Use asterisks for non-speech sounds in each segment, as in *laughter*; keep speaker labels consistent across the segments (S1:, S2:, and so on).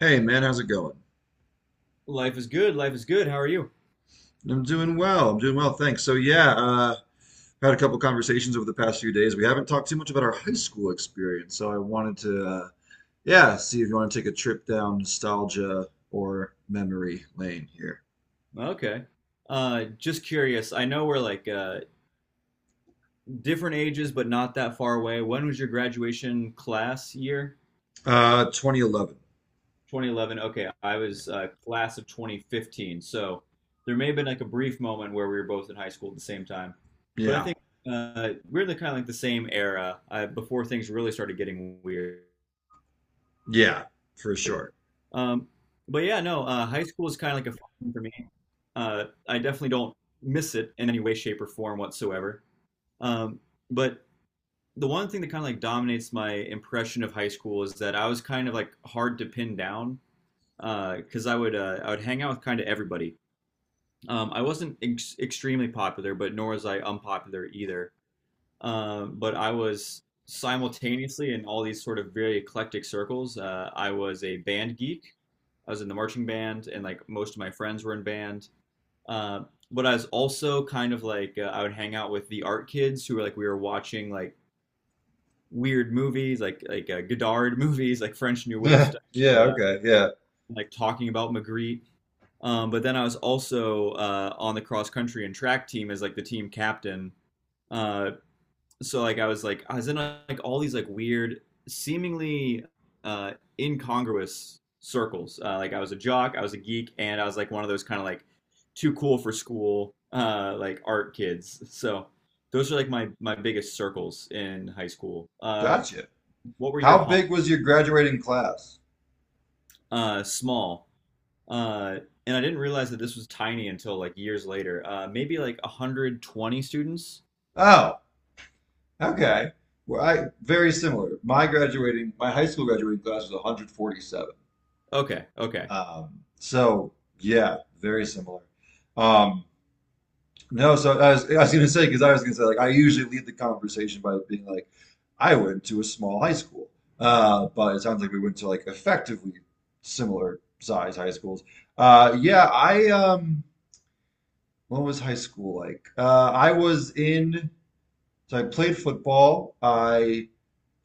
S1: Hey man, how's it going?
S2: Life is good. Life is good. How are you?
S1: I'm doing well. I'm doing well, thanks. So yeah, had a couple conversations over the past few days. We haven't talked too much about our high school experience, so I wanted to, yeah, see if you want to take a trip down nostalgia or memory lane here.
S2: Okay. Just curious. I know we're like different ages, but not that far away. When was your graduation class year?
S1: 2011.
S2: 2011. Okay, I was class of 2015. So there may have been like a brief moment where we were both in high school at the same time. But I
S1: Yeah,
S2: think we're the kind of like the same era before things really started getting weird.
S1: yeah, for
S2: weird.
S1: sure.
S2: Um, but yeah, no, High school is kind of like a fun thing for me. I definitely don't miss it in any way, shape, or form whatsoever. Um, but the one thing that kind of like dominates my impression of high school is that I was kind of like hard to pin down because I would hang out with kind of everybody. I wasn't extremely popular, but nor was I unpopular either. But I was simultaneously in all these sort of very eclectic circles. I was a band geek. I was in the marching band, and like most of my friends were in band. Uh, but I was also kind of like I would hang out with the art kids who were like we were watching like weird movies, like Godard *laughs* movies, like French New Wave
S1: *laughs*
S2: stuff, and,
S1: Yeah, okay, yeah.
S2: like talking about Magritte. But then I was also on the cross country and track team as like the team captain. Uh, so I was in like all these like weird, seemingly uh incongruous circles. Like I was a jock, I was a geek, and I was like one of those kind of like too cool for school like art kids. So those are like my biggest circles in high school.
S1: Gotcha.
S2: What were your
S1: How
S2: hobbies?
S1: big was your graduating class?
S2: Uh, small. Uh and I didn't realize that this was tiny until like years later. Uh, maybe like 120 students.
S1: Oh, okay. Well, I very similar. My high school graduating class was 147.
S2: Okay, okay.
S1: So yeah, very similar. Um, no, so I was gonna say because I was gonna say like I usually lead the conversation by being like, I went to a small high school, but it sounds like we went to like effectively similar size high schools. Yeah, I what was high school like? I was in, so I played football. I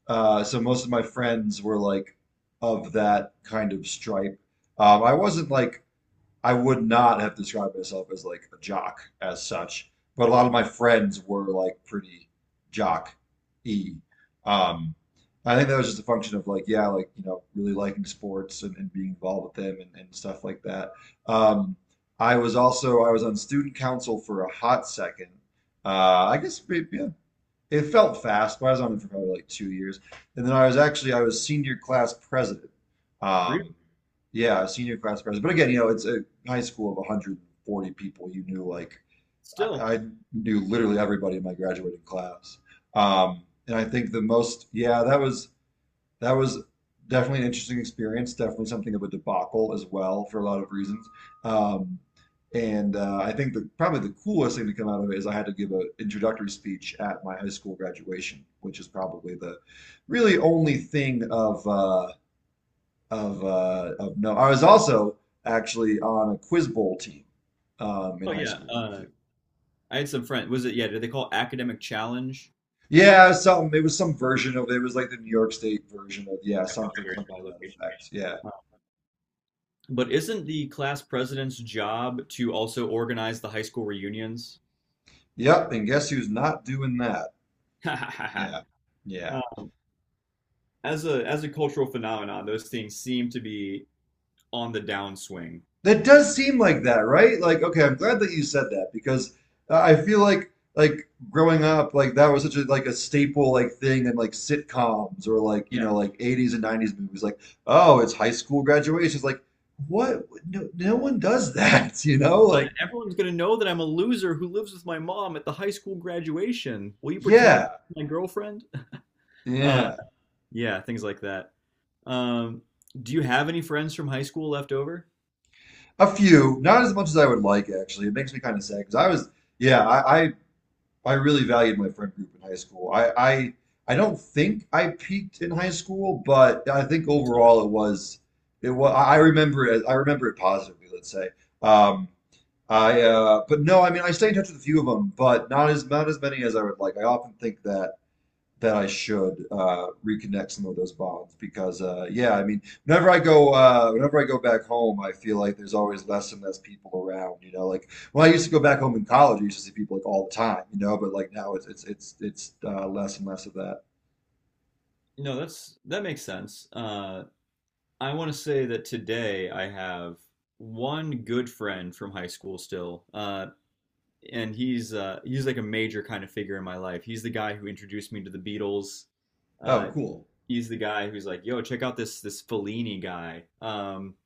S1: so most of my friends were like of that kind of stripe. I wasn't like I would not have described myself as like a jock as such, but a lot of my friends were like pretty jock-y. Um, I think that was just a function of like, yeah, like, you know, really liking sports and, being involved with them and, stuff like that. Um, I was on student council for a hot second. I guess maybe, yeah, it felt fast, but I was on it for probably like 2 years. And then I was senior class president.
S2: Re-
S1: Um, yeah, senior class president. But again, you know, it's a high school of 140 people. You knew like I,
S2: Still.
S1: I knew literally everybody in my graduating class. And I think the most, yeah, that was definitely an interesting experience. Definitely something of a debacle as well for a lot of reasons. Um, and I think the probably the coolest thing to come out of it is I had to give an introductory speech at my high school graduation, which is probably the really only thing of no. I was also actually on a quiz bowl team in
S2: Oh,
S1: high
S2: yeah.
S1: school too.
S2: I had some friend. Was it, yeah? Did they call it academic challenge?
S1: Yeah, something. It was some version of it was like the New York State version of yeah,
S2: That probably
S1: something
S2: varies
S1: something
S2: by
S1: to that
S2: location.
S1: effect. Yeah.
S2: Oh. But isn't the class president's job to also organize the high school reunions?
S1: Yep, and guess who's not doing that? Yeah.
S2: *laughs*
S1: Yeah.
S2: Uh, as a as a cultural phenomenon, those things seem to be on the downswing.
S1: That does seem like that, right? Like, okay, I'm glad that you said that because I feel like growing up, like that was such a like a staple like thing in like sitcoms or like you
S2: Yeah.
S1: know like 80s and 90s movies. Like, oh, it's high school graduation. It's like, what? No, no one does that, *laughs* you know? Like,
S2: And everyone's gonna know that I'm a loser who lives with my mom at the high school graduation. Will you pretend
S1: yeah,
S2: to be my girlfriend? *laughs* Uh,
S1: yeah,
S2: yeah, things like that. Um, do you have any friends from high school left over?
S1: a few, not as much as I would like actually. It makes me kind of sad because I was, yeah, I really valued my friend group in high school. I don't think I peaked in high school, but I think
S2: It's not.
S1: overall it was I remember it I Remember it positively, let's say. Um, I but no, I mean I stay in touch with a few of them, but not as not as many as I would like. I often think that I should reconnect some of those bonds because yeah, I mean, whenever I go whenever I go back home, I feel like there's always less and less people around. You know, like when I used to go back home in college, I used to see people like all the time. You know, but like now it's less and less of that.
S2: No, that's that makes sense. I want to say that today I have one good friend from high school still, and he's like a major kind of figure in my life. He's the guy who introduced me to the Beatles. Uh,
S1: Oh, cool,
S2: he's the guy who's like, "Yo, check out this Fellini guy."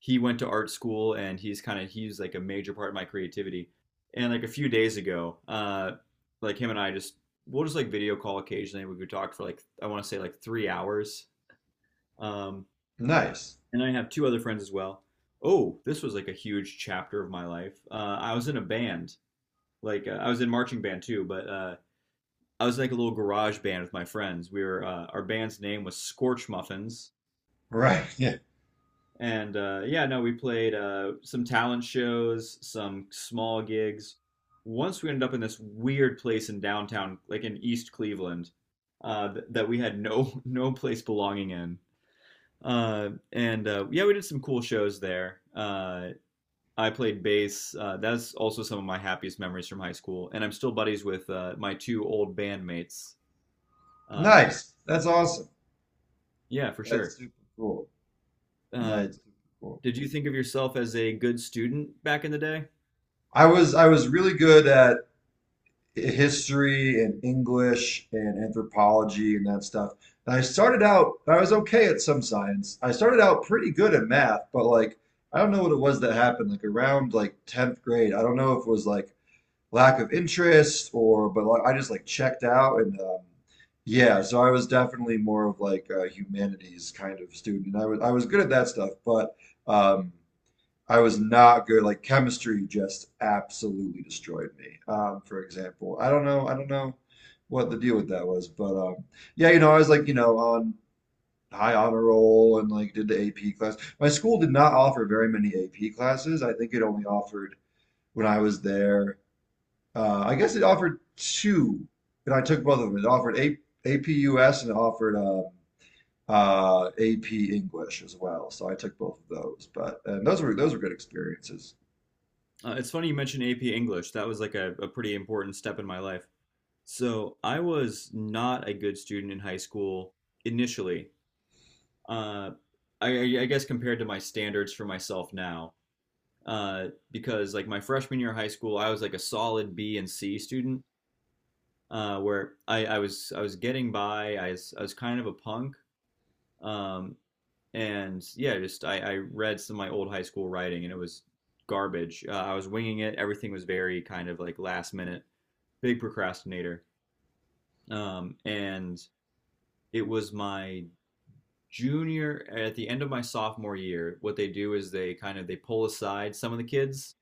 S2: He went to art school, and he's kind of he's like a major part of my creativity. And like a few days ago, like him and I just we'll just like video call occasionally. We could talk for like I want to say like 3 hours um,
S1: nice,
S2: and I have two other friends as well. Oh, this was like a huge chapter of my life. I was in a band, like I was in marching band too, but I was in, like a little garage band with my friends. We were our band's name was Scorch Muffins,
S1: right? *laughs* Yeah,
S2: and yeah, no, we played some talent shows, some small gigs. Once we ended up in this weird place in downtown, like in East Cleveland, that we had *laughs* no place belonging in. And yeah, we did some cool shows there. I played bass. That's also some of my happiest memories from high school, and I'm still buddies with my two old bandmates. Uh,
S1: nice. That's awesome.
S2: yeah, for
S1: That's
S2: sure.
S1: super cool. No,
S2: Uh,
S1: it's super cool.
S2: did you think of yourself as a good student back in the day?
S1: I was really good at history and English and anthropology and that stuff. And I started out, I was okay at some science. I started out pretty good at math, but like, I don't know what it was that happened. Like around like 10th grade, I don't know if it was like lack of interest or, but like, I just like checked out and yeah, so I was definitely more of like a humanities kind of student. I was good at that stuff, but um, I was not good. Like chemistry just absolutely destroyed me. For example, I don't know what the deal with that was, but yeah, you know, I was like, you know, on high honor roll and like did the AP class. My school did not offer very many AP classes. I think it only offered when I was there. I guess it offered two, and I took both of them. It offered A AP US and it offered AP English as well. So I took both of those, but and those were good experiences.
S2: It's funny you mentioned AP English. That was like a pretty important step in my life. So I was not a good student in high school initially. Uh, I guess compared to my standards for myself now, uh, because like my freshman year of high school, I was like a solid B and C student. Where I was getting by. I was kind of a punk, um, and yeah, I read some of my old high school writing, and it was garbage. I was winging it. Everything was very kind of like last minute. Big procrastinator. And it was my junior at the end of my sophomore year. What they do is they pull aside some of the kids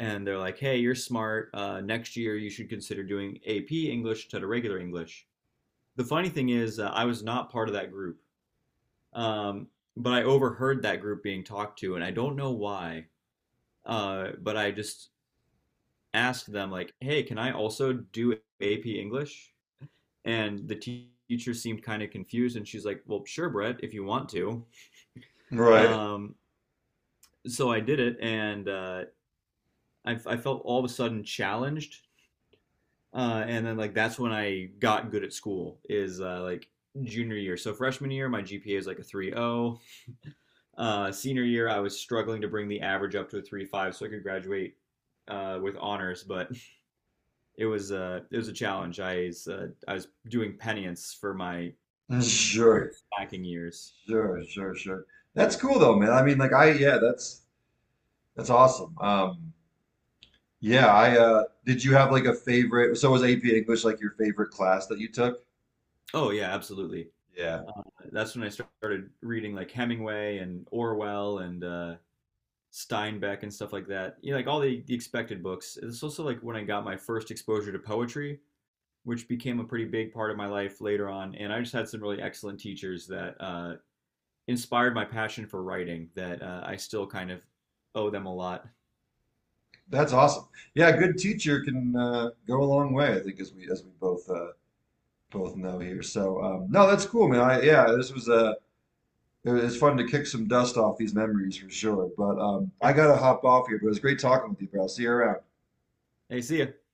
S2: and they're like, "Hey, you're smart. Next year you should consider doing AP English instead of regular English." The funny thing is, I was not part of that group, um, but I overheard that group being talked to, and I don't know why. But I just asked them, like, "Hey, can I also do AP English?" And the teacher seemed kind of confused, and she's like, "Well, sure, Brett, if you want to."
S1: Right. *laughs*
S2: Um, so I did it, and I felt all of a sudden challenged. And then like that's when I got good at school is like junior year. So freshman year, my GPA is like a 3.0. Senior year, I was struggling to bring the average up to a 3.5 so I could graduate with honors, but *laughs* it was a challenge. I was doing penance for my
S1: Sure.
S2: career stacking years.
S1: Sure. Sure. Sure. That's cool though, man. I mean, like I yeah, that's awesome. Yeah, I did you have like a favorite so was AP English like your favorite class that you took?
S2: Oh, yeah, absolutely.
S1: Yeah.
S2: Uh, that's when I started reading like Hemingway and Orwell and Steinbeck and stuff like that. You know, like all the expected books. It's also like when I got my first exposure to poetry, which became a pretty big part of my life later on. And I just had some really excellent teachers that inspired my passion for writing that I still kind of owe them a lot.
S1: That's awesome. Yeah, a good teacher can go a long way, I think as we both both know here. So no, that's cool, man. I yeah, this was it was fun to kick some dust off these memories for sure. But
S2: Yeah.
S1: I gotta hop off here, but it was great talking with you, bro. I'll see you around.
S2: Hey, see ya.